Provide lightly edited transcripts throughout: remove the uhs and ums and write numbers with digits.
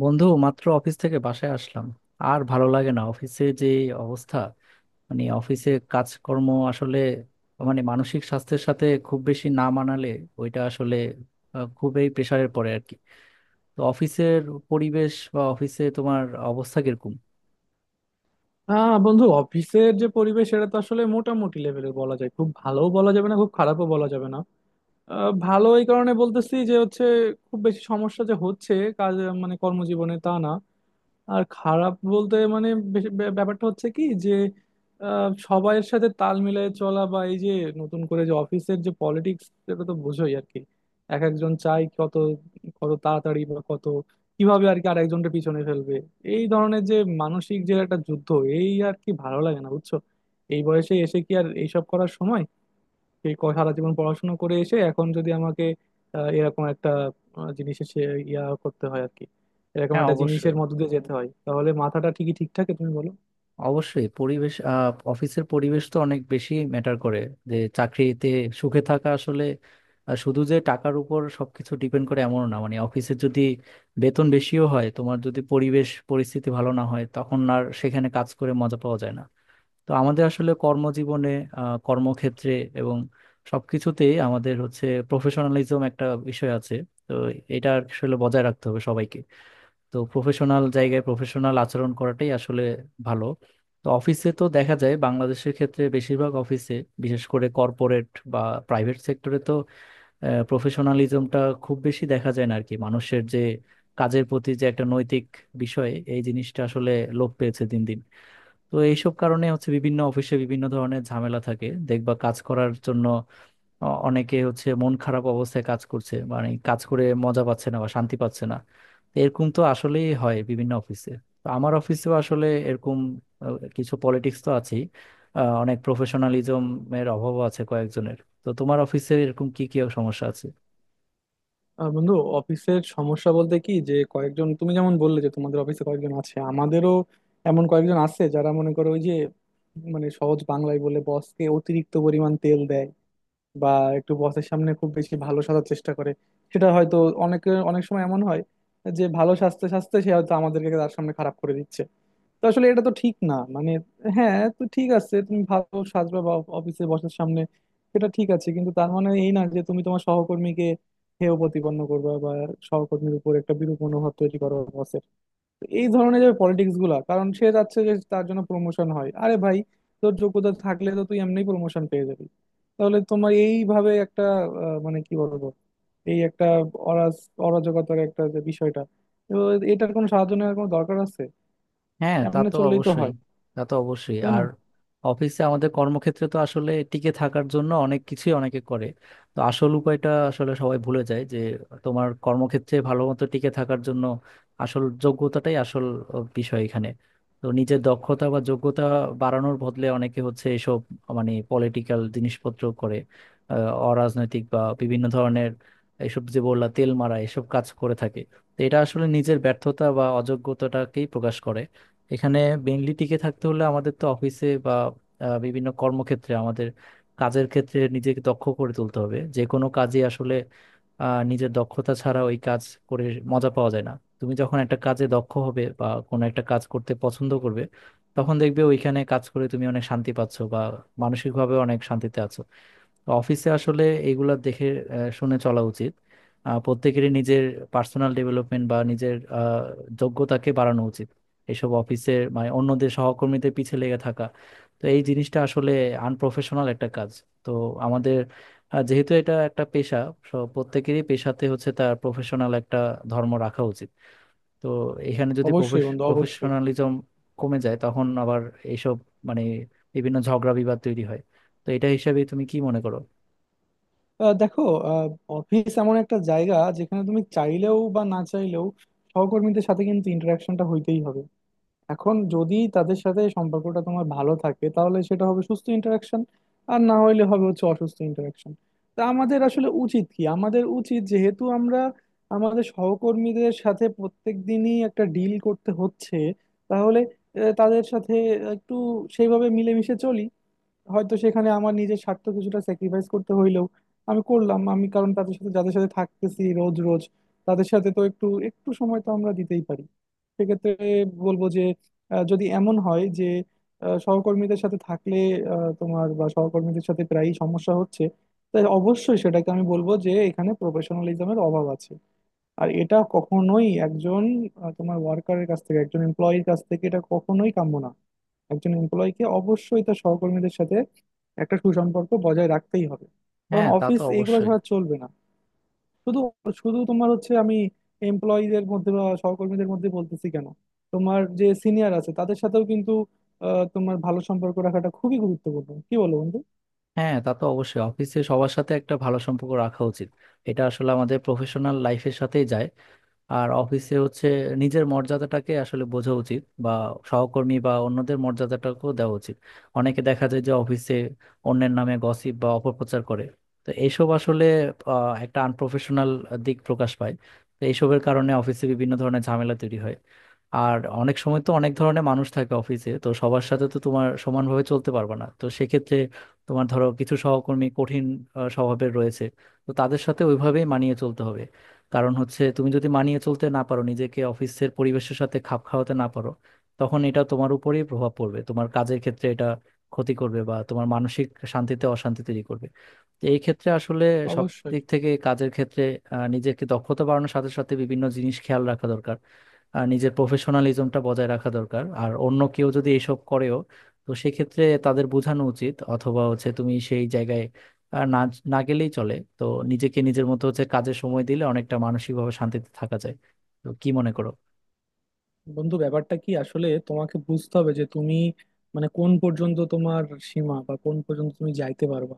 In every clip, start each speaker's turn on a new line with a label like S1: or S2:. S1: বন্ধু, মাত্র অফিস থেকে বাসায় আসলাম। আর ভালো লাগে না অফিসে, যে অবস্থা। মানে অফিসে কাজকর্ম আসলে, মানে মানসিক স্বাস্থ্যের সাথে খুব বেশি না মানালে ওইটা আসলে খুবই প্রেসারের পড়ে আর কি। তো অফিসের পরিবেশ বা অফিসে তোমার অবস্থা কিরকম?
S2: বন্ধু, অফিসের যে পরিবেশ সেটা তো আসলে মোটামুটি লেভেলের বলা যায়, খুব ভালোও বলা যাবে না, খুব খারাপও বলা যাবে না। ভালো এই কারণে বলতেছি যে হচ্ছে খুব বেশি সমস্যা যে হচ্ছে কাজ মানে কর্মজীবনে তা না। আর খারাপ বলতে মানে ব্যাপারটা হচ্ছে কি যে সবাইয়ের সাথে তাল মিলিয়ে চলা, বা এই যে নতুন করে যে অফিসের যে পলিটিক্স সেটা তো বোঝোই আর কি। এক একজন চাই কত কত তাড়াতাড়ি বা কত কিভাবে আর কি আর একজনটা পিছনে ফেলবে। এই ধরনের যে মানসিক যে একটা যুদ্ধ, এই আর কি ভালো লাগে না বুঝছো। এই বয়সে এসে কি আর এইসব করার সময়? সারা জীবন পড়াশোনা করে এসে এখন যদি আমাকে এরকম একটা জিনিসের সে ইয়া করতে হয় আর কি, এরকম
S1: হ্যাঁ,
S2: একটা জিনিসের
S1: অবশ্যই।
S2: মধ্যে দিয়ে যেতে হয়, তাহলে মাথাটা ঠিক থাকে তুমি বলো?
S1: অবশ্যই পরিবেশ, অফিসের পরিবেশ তো অনেক বেশি ম্যাটার করে, যে চাকরিতে সুখে থাকা আসলে শুধু যে টাকার উপর সবকিছু ডিপেন্ড করে এমন না। মানে অফিসে যদি বেতন বেশিও হয়, তোমার যদি পরিবেশ পরিস্থিতি ভালো না হয়, তখন আর সেখানে কাজ করে মজা পাওয়া যায় না। তো আমাদের আসলে কর্মজীবনে, কর্মক্ষেত্রে এবং সবকিছুতেই আমাদের হচ্ছে প্রফেশনালিজম একটা বিষয় আছে। তো এটা আসলে বজায় রাখতে হবে সবাইকে। তো প্রফেশনাল জায়গায় প্রফেশনাল আচরণ করাটাই আসলে ভালো। তো অফিসে তো দেখা যায় বাংলাদেশের ক্ষেত্রে বেশিরভাগ অফিসে, বিশেষ করে কর্পোরেট বা প্রাইভেট সেক্টরে তো প্রফেশনালিজমটা খুব বেশি দেখা যায় না আর কি। মানুষের যে কাজের প্রতি যে একটা নৈতিক বিষয়, এই জিনিসটা আসলে লোপ পেয়েছে দিন দিন। তো এইসব কারণে হচ্ছে বিভিন্ন অফিসে বিভিন্ন ধরনের ঝামেলা থাকে, দেখবা কাজ করার জন্য। অনেকে হচ্ছে মন খারাপ অবস্থায় কাজ করছে, মানে কাজ করে মজা পাচ্ছে না বা শান্তি পাচ্ছে না। তো এরকম তো আসলেই হয় বিভিন্ন অফিসে। তো আমার অফিসেও আসলে এরকম কিছু পলিটিক্স তো আছেই। অনেক প্রফেশনালিজম এর অভাবও আছে কয়েকজনের। তো তোমার অফিসে এরকম কি কি সমস্যা আছে?
S2: বন্ধু, অফিসের সমস্যা বলতে কি যে কয়েকজন, তুমি যেমন বললে যে তোমাদের অফিসে কয়েকজন আছে, আমাদেরও এমন কয়েকজন আছে যারা মনে করো ওই যে মানে সহজ বাংলায় বলে বসকে অতিরিক্ত পরিমাণ তেল দেয়, বা একটু বসের সামনে খুব বেশি ভালো সাজার চেষ্টা করে। সেটা হয়তো অনেকে অনেক সময় এমন হয় যে ভালো সাজতে সাজতে সে হয়তো আমাদেরকে তার সামনে খারাপ করে দিচ্ছে। তো আসলে এটা তো ঠিক না মানে, হ্যাঁ তো ঠিক আছে, তুমি ভালো সাজবা বা অফিসে বসার সামনে, সেটা ঠিক আছে, কিন্তু তার মানে এই না যে তুমি তোমার সহকর্মীকে হেয় প্রতিপন্ন করবা বা সহকর্মীর উপর একটা বিরূপ মনোভাব তৈরি করো বসের। এই ধরনের যে পলিটিক্স গুলা, কারণ সে চাচ্ছে যে তার জন্য প্রমোশন হয়। আরে ভাই, তোর যোগ্যতা থাকলে তো তুই এমনি প্রমোশন পেয়ে যাবি। তাহলে তোমার এইভাবে একটা আহ, মানে কি বলবো এই একটা অরাজ অরাজকতার একটা যে বিষয়টা, তো এটার কোনো সাহায্য নেওয়ার কোনো দরকার আছে?
S1: হ্যাঁ, তা
S2: এমনি
S1: তো
S2: চললেই তো
S1: অবশ্যই।
S2: হয়,
S1: তা তো অবশ্যই।
S2: তাই না?
S1: আর অফিসে আমাদের কর্মক্ষেত্রে তো আসলে টিকে থাকার জন্য অনেক কিছুই অনেকে করে। তো আসল উপায়টা আসলে সবাই ভুলে যায় যে তোমার কর্মক্ষেত্রে ভালো মতো টিকে থাকার জন্য আসল যোগ্যতাটাই আসল বিষয় এখানে। তো নিজের দক্ষতা বা যোগ্যতা বাড়ানোর বদলে অনেকে হচ্ছে এসব, মানে পলিটিক্যাল জিনিসপত্র করে, আহ, অরাজনৈতিক বা বিভিন্ন ধরনের, এসব যে বললা তেল মারা এসব কাজ করে থাকে। তো এটা আসলে নিজের ব্যর্থতা বা অযোগ্যতাটাকেই প্রকাশ করে এখানে। বেঙ্গলি টিকে থাকতে হলে আমাদের তো অফিসে বা বিভিন্ন কর্মক্ষেত্রে আমাদের কাজের ক্ষেত্রে নিজেকে দক্ষ করে তুলতে হবে। যে কোনো কাজে আসলে নিজের দক্ষতা ছাড়া ওই কাজ করে মজা পাওয়া যায় না। তুমি যখন একটা কাজে দক্ষ হবে বা কোনো একটা কাজ করতে পছন্দ করবে, তখন দেখবে ওইখানে কাজ করে তুমি অনেক শান্তি পাচ্ছো বা মানসিকভাবে অনেক শান্তিতে আছো। তো অফিসে আসলে এগুলা দেখে শুনে চলা উচিত। প্রত্যেকেরই নিজের পার্সোনাল ডেভেলপমেন্ট বা নিজের যোগ্যতাকে বাড়ানো উচিত। এইসব অফিসের মানে অন্যদের সহকর্মীদের পিছে লেগে থাকা, তো এই জিনিসটা আসলে আনপ্রফেশনাল একটা কাজ। তো আমাদের যেহেতু এটা একটা পেশা, সব প্রত্যেকেরই পেশাতে হচ্ছে তার প্রফেশনাল একটা ধর্ম রাখা উচিত। তো এখানে যদি
S2: অবশ্যই বন্ধু, অবশ্যই।
S1: প্রফেশনালিজম কমে যায়, তখন আবার এইসব, মানে বিভিন্ন ঝগড়া বিবাদ তৈরি হয়। তো এটা হিসাবে তুমি কি মনে করো?
S2: দেখো, আহ, অফিস এমন একটা জায়গা যেখানে তুমি চাইলেও বা না চাইলেও সহকর্মীদের সাথে কিন্তু ইন্টারাকশনটা হইতেই হবে। এখন যদি তাদের সাথে সম্পর্কটা তোমার ভালো থাকে তাহলে সেটা হবে সুস্থ ইন্টারাকশন, আর না হইলে হবে হচ্ছে অসুস্থ ইন্টারাকশন। তা আমাদের আসলে উচিত কি, আমাদের উচিত যেহেতু আমরা আমাদের সহকর্মীদের সাথে প্রত্যেক দিনই একটা ডিল করতে হচ্ছে, তাহলে তাদের সাথে একটু সেইভাবে মিলেমিশে চলি। হয়তো সেখানে আমার নিজের স্বার্থ কিছুটা স্যাক্রিফাইস করতে হইলেও আমি করলাম, আমি, কারণ তাদের সাথে যাদের সাথে থাকতেছি রোজ রোজ, তাদের সাথে তো একটু একটু সময় তো আমরা দিতেই পারি। সেক্ষেত্রে বলবো যে যদি এমন হয় যে সহকর্মীদের সাথে থাকলে তোমার বা সহকর্মীদের সাথে প্রায়ই সমস্যা হচ্ছে, তাই অবশ্যই সেটাকে আমি বলবো যে এখানে প্রফেশনালিজমের অভাব আছে। আর এটা কখনোই একজন তোমার ওয়ার্কারের কাছ থেকে, একজন এমপ্লয়ির কাছ থেকে এটা কখনোই কাম্য না। একজন এমপ্লয়িকে অবশ্যই তার সহকর্মীদের সাথে একটা সুসম্পর্ক বজায় রাখতেই হবে, কারণ
S1: হ্যাঁ, তা তো
S2: অফিস এইগুলো
S1: অবশ্যই।
S2: ছাড়া চলবে না। শুধু শুধু তোমার হচ্ছে আমি এমপ্লয়ীদের মধ্যে বা সহকর্মীদের মধ্যে বলতেছি কেন, তোমার যে সিনিয়র আছে তাদের সাথেও কিন্তু তোমার ভালো সম্পর্ক রাখাটা খুবই গুরুত্বপূর্ণ। কি বলো বন্ধু?
S1: হ্যাঁ, তা তো অবশ্যই। অফিসে সবার সাথে একটা ভালো সম্পর্ক রাখা উচিত। এটা আসলে আমাদের প্রফেশনাল লাইফের সাথেই যায়। আর অফিসে হচ্ছে নিজের মর্যাদাটাকে আসলে বোঝা উচিত বা সহকর্মী বা অন্যদের মর্যাদাটাকেও দেওয়া উচিত। অনেকে দেখা যায় যে অফিসে অন্যের নামে গসিপ বা অপপ্রচার করে। তো এইসব আসলে একটা আনপ্রফেশনাল দিক প্রকাশ পায়। তো এইসবের কারণে অফিসে বিভিন্ন ধরনের ঝামেলা তৈরি হয়। আর অনেক সময় তো অনেক ধরনের মানুষ থাকে অফিসে, তো সবার সাথে তো তোমার সমানভাবে চলতে পারবে না। তো সেক্ষেত্রে তোমার ধরো কিছু সহকর্মী কঠিন স্বভাবের রয়েছে, তো তাদের সাথে ওইভাবেই মানিয়ে চলতে হবে। কারণ হচ্ছে তুমি যদি মানিয়ে চলতে না পারো, নিজেকে অফিসের পরিবেশের সাথে খাপ খাওয়াতে না পারো, তখন এটা তোমার উপরেই প্রভাব পড়বে। তোমার কাজের ক্ষেত্রে এটা ক্ষতি করবে বা তোমার মানসিক শান্তিতে অশান্তি তৈরি করবে। তো এই ক্ষেত্রে আসলে সব
S2: অবশ্যই
S1: দিক থেকে কাজের ক্ষেত্রে নিজেকে দক্ষতা বাড়ানোর সাথে সাথে বিভিন্ন জিনিস খেয়াল রাখা দরকার। আর নিজের প্রফেশনালিজমটা বজায় রাখা দরকার। আর অন্য কেউ যদি এসব করেও, তো সেক্ষেত্রে তাদের বোঝানো উচিত, অথবা হচ্ছে তুমি সেই জায়গায় আর না না গেলেই চলে। তো নিজেকে নিজের মতো হচ্ছে কাজের সময় দিলে অনেকটা মানসিকভাবে শান্তিতে থাকা যায়। তো কি মনে করো?
S2: বন্ধু, ব্যাপারটা কি আসলে তোমাকে বুঝতে হবে যে তুমি মানে কোন পর্যন্ত তোমার সীমা বা কোন পর্যন্ত তুমি যাইতে পারবা।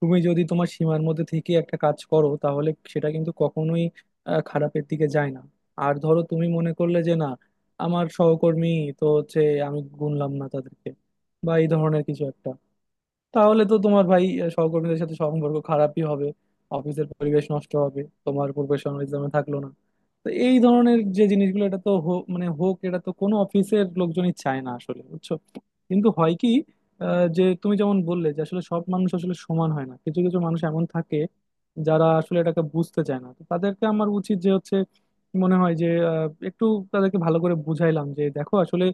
S2: তুমি যদি তোমার সীমার মধ্যে থেকে একটা কাজ করো তাহলে সেটা কিন্তু কখনোই খারাপের দিকে যায় না। আর ধরো তুমি মনে করলে যে না, আমার সহকর্মী তো হচ্ছে, আমি গুনলাম না তাদেরকে বা এই ধরনের কিছু একটা, তাহলে তো তোমার ভাই সহকর্মীদের সাথে সম্পর্ক খারাপই হবে, অফিসের পরিবেশ নষ্ট হবে, তোমার প্রফেশনালিজমে থাকলো না। তো এই ধরনের যে জিনিসগুলো, এটা তো হো- মানে হোক, এটা তো কোনো অফিসের লোকজনই চায় না আসলে, বুঝছো। কিন্তু হয় কি যে তুমি যেমন বললে যে আসলে সব মানুষ আসলে সমান হয় না, কিছু কিছু মানুষ এমন থাকে যারা আসলে এটাকে বুঝতে চায় না। তো তাদেরকে আমার উচিত যে হচ্ছে মনে হয় যে একটু তাদেরকে ভালো করে বুঝাইলাম যে দেখো আসলে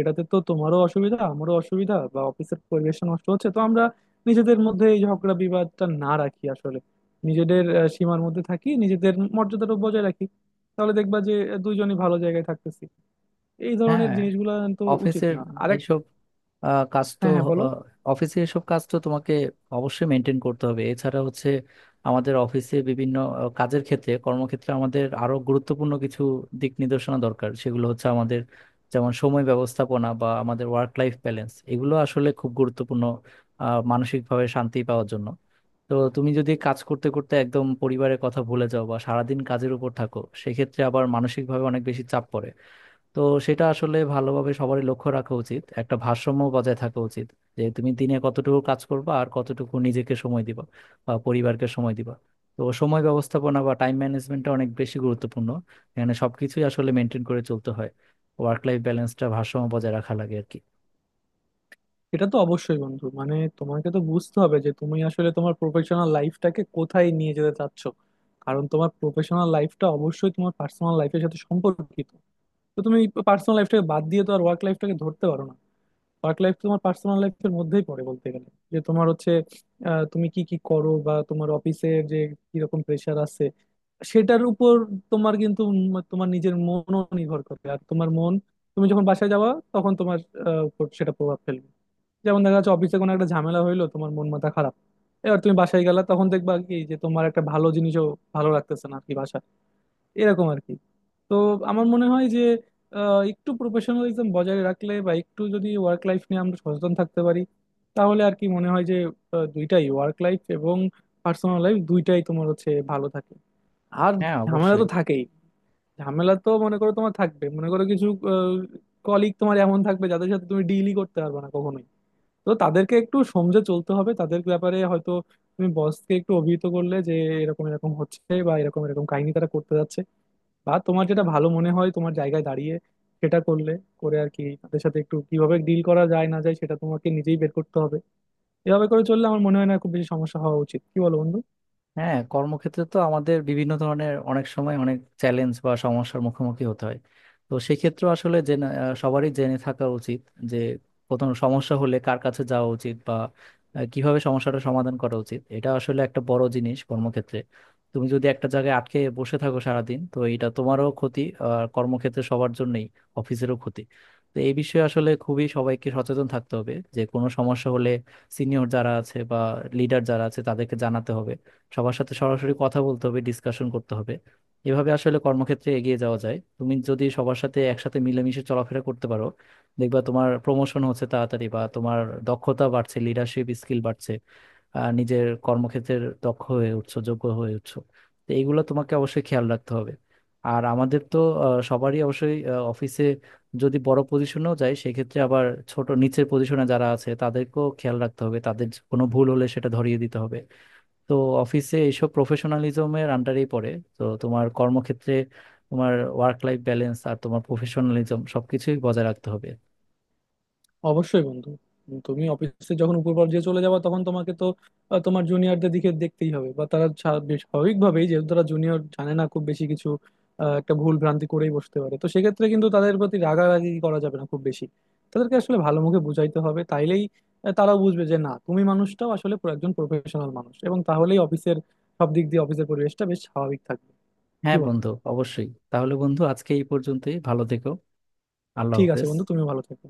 S2: এটাতে তো তোমারও অসুবিধা আমারও অসুবিধা, বা অফিসের পরিবেশ নষ্ট হচ্ছে, তো আমরা নিজেদের মধ্যে এই ঝগড়া বিবাদটা না রাখি আসলে, নিজেদের সীমার মধ্যে থাকি, নিজেদের মর্যাদাটা বজায় রাখি, তাহলে দেখবা যে দুইজনই ভালো জায়গায় থাকতেছি। এই ধরনের
S1: হ্যাঁ,
S2: জিনিসগুলো তো উচিত
S1: অফিসের
S2: না আরেক।
S1: এইসব কাজ তো,
S2: হ্যাঁ হ্যাঁ, বলো।
S1: আহ, অফিসে এসব কাজ তো তোমাকে অবশ্যই মেনটেন করতে হবে। এছাড়া হচ্ছে আমাদের অফিসে বিভিন্ন কাজের ক্ষেত্রে, কর্মক্ষেত্রে আমাদের আরো গুরুত্বপূর্ণ কিছু দিক নির্দেশনা দরকার। সেগুলো হচ্ছে আমাদের যেমন সময় ব্যবস্থাপনা বা আমাদের ওয়ার্ক লাইফ ব্যালেন্স, এগুলো আসলে খুব গুরুত্বপূর্ণ মানসিকভাবে শান্তি পাওয়ার জন্য। তো তুমি যদি কাজ করতে করতে একদম পরিবারের কথা ভুলে যাও বা সারাদিন কাজের উপর থাকো, সেক্ষেত্রে আবার মানসিকভাবে অনেক বেশি চাপ পড়ে। তো সেটা আসলে ভালোভাবে সবারই লক্ষ্য রাখা উচিত, একটা ভারসাম্য বজায় থাকা উচিত। যে তুমি দিনে কতটুকু কাজ করবা আর কতটুকু নিজেকে সময় দিবা বা পরিবারকে সময় দিবা। তো সময় ব্যবস্থাপনা বা টাইম ম্যানেজমেন্টটা অনেক বেশি গুরুত্বপূর্ণ। এখানে সবকিছুই আসলে মেনটেন করে চলতে হয়। ওয়ার্ক লাইফ ব্যালেন্সটা ভারসাম্য বজায় রাখা লাগে আর কি।
S2: এটা তো অবশ্যই বন্ধু, মানে তোমাকে তো বুঝতে হবে যে তুমি আসলে তোমার প্রফেশনাল লাইফটাকে কোথায় নিয়ে যেতে চাচ্ছ। কারণ তোমার প্রফেশনাল লাইফটা অবশ্যই তোমার পার্সোনাল লাইফের সাথে সম্পর্কিত। তো তুমি পার্সোনাল লাইফটাকে বাদ দিয়ে তো আর ওয়ার্ক লাইফটাকে ধরতে পারো না। ওয়ার্ক লাইফ তোমার পার্সোনাল লাইফের মধ্যেই পড়ে বলতে গেলে, যে তোমার হচ্ছে তুমি কি কি করো বা তোমার অফিসের যে কিরকম প্রেশার আছে সেটার উপর তোমার কিন্তু তোমার নিজের মনও নির্ভর করে। আর তোমার মন, তুমি যখন বাসায় যাওয়া তখন তোমার উপর সেটা প্রভাব ফেলবে। যেমন দেখা যাচ্ছে অফিসে কোনো একটা ঝামেলা হইলো, তোমার মন মাথা খারাপ, এবার তুমি বাসায় গেলা তখন দেখবা কি যে তোমার একটা ভালো জিনিসও ভালো লাগতেছে না আর কি, এরকম আর কি। তো আমার মনে হয় যে একটু প্রফেশনালিজম বজায় রাখলে বা একটু যদি ওয়ার্ক লাইফ নিয়ে আমরা সচেতন থাকতে পারি, তাহলে আর কি মনে হয় যে দুইটাই, ওয়ার্ক লাইফ এবং পার্সোনাল লাইফ দুইটাই তোমার হচ্ছে ভালো থাকে। আর
S1: হ্যাঁ,
S2: ঝামেলা
S1: অবশ্যই।
S2: তো থাকেই, ঝামেলা তো মনে করো তোমার থাকবে, মনে করো কিছু কলিগ তোমার এমন থাকবে যাদের সাথে তুমি ডিলই করতে পারবে না কখনোই। তো তাদেরকে একটু সমঝে চলতে হবে। তাদের ব্যাপারে হয়তো তুমি বসকে একটু অভিহিত করলে যে এরকম এরকম হচ্ছে বা এরকম এরকম কাহিনী তারা করতে যাচ্ছে, বা তোমার যেটা ভালো মনে হয় তোমার জায়গায় দাঁড়িয়ে সেটা করলে, করে আর কি, তাদের সাথে একটু কিভাবে ডিল করা যায় না যায় সেটা তোমাকে নিজেই বের করতে হবে। এভাবে করে চললে আমার মনে হয় না খুব বেশি সমস্যা হওয়া উচিত। কি বলো বন্ধু?
S1: হ্যাঁ, কর্মক্ষেত্রে তো আমাদের বিভিন্ন ধরনের অনেক সময় অনেক চ্যালেঞ্জ বা সমস্যার মুখোমুখি হতে হয়। তো সেক্ষেত্রে আসলে জেনে, সবারই জেনে থাকা উচিত যে কোনো সমস্যা হলে কার কাছে যাওয়া উচিত বা কিভাবে সমস্যাটা সমাধান করা উচিত। এটা আসলে একটা বড় জিনিস কর্মক্ষেত্রে। তুমি যদি একটা জায়গায় আটকে বসে থাকো সারাদিন, তো এটা তোমারও ক্ষতি আর কর্মক্ষেত্রে সবার জন্যই, অফিসেরও ক্ষতি। তো এই বিষয়ে আসলে খুবই সবাইকে সচেতন থাকতে হবে যে কোনো সমস্যা হলে সিনিয়র যারা আছে বা লিডার যারা আছে তাদেরকে জানাতে হবে। সবার সাথে সরাসরি কথা বলতে হবে, ডিসকাশন করতে হবে। এভাবে আসলে কর্মক্ষেত্রে এগিয়ে যাওয়া যায়। তুমি যদি সবার সাথে একসাথে মিলেমিশে চলাফেরা করতে পারো, দেখবা তোমার প্রমোশন হচ্ছে তাড়াতাড়ি বা তোমার দক্ষতা বাড়ছে, লিডারশিপ স্কিল বাড়ছে, আর নিজের কর্মক্ষেত্রের দক্ষ হয়ে উঠছো, যোগ্য হয়ে উঠছো। তো এইগুলো তোমাকে অবশ্যই খেয়াল রাখতে হবে। আর আমাদের তো সবারই অবশ্যই অফিসে যদি বড় পজিশনেও যায়, সেক্ষেত্রে আবার ছোট নিচের পজিশনে যারা আছে তাদেরকেও খেয়াল রাখতে হবে। তাদের কোনো ভুল হলে সেটা ধরিয়ে দিতে হবে। তো অফিসে এইসব প্রফেশনালিজমের আন্ডারেই পড়ে। তো তোমার কর্মক্ষেত্রে তোমার ওয়ার্ক লাইফ ব্যালেন্স আর তোমার প্রফেশনালিজম সবকিছুই বজায় রাখতে হবে।
S2: অবশ্যই বন্ধু, তুমি অফিসে যখন উপর পর্যায়ে চলে যাবা তখন তোমাকে তো তোমার জুনিয়রদের দিকে দেখতেই হবে। বা তারা বেশ স্বাভাবিকভাবেই যেহেতু তারা জুনিয়র, জানে না খুব বেশি কিছু, একটা ভুল ভ্রান্তি করেই বসতে পারে, তো সেক্ষেত্রে কিন্তু তাদের প্রতি রাগারাগি করা যাবে না খুব বেশি। তাদেরকে আসলে ভালো মুখে বুঝাইতে হবে, তাইলেই তারাও বুঝবে যে না তুমি মানুষটাও আসলে পুরো একজন প্রফেশনাল মানুষ, এবং তাহলেই অফিসের সব দিক দিয়ে অফিসের পরিবেশটা বেশ স্বাভাবিক থাকবে। কি
S1: হ্যাঁ
S2: বলো?
S1: বন্ধু, অবশ্যই। তাহলে বন্ধু, আজকে এই পর্যন্তই। ভালো থেকো। আল্লাহ
S2: ঠিক আছে
S1: হাফেজ।
S2: বন্ধু, তুমিও ভালো থাকো।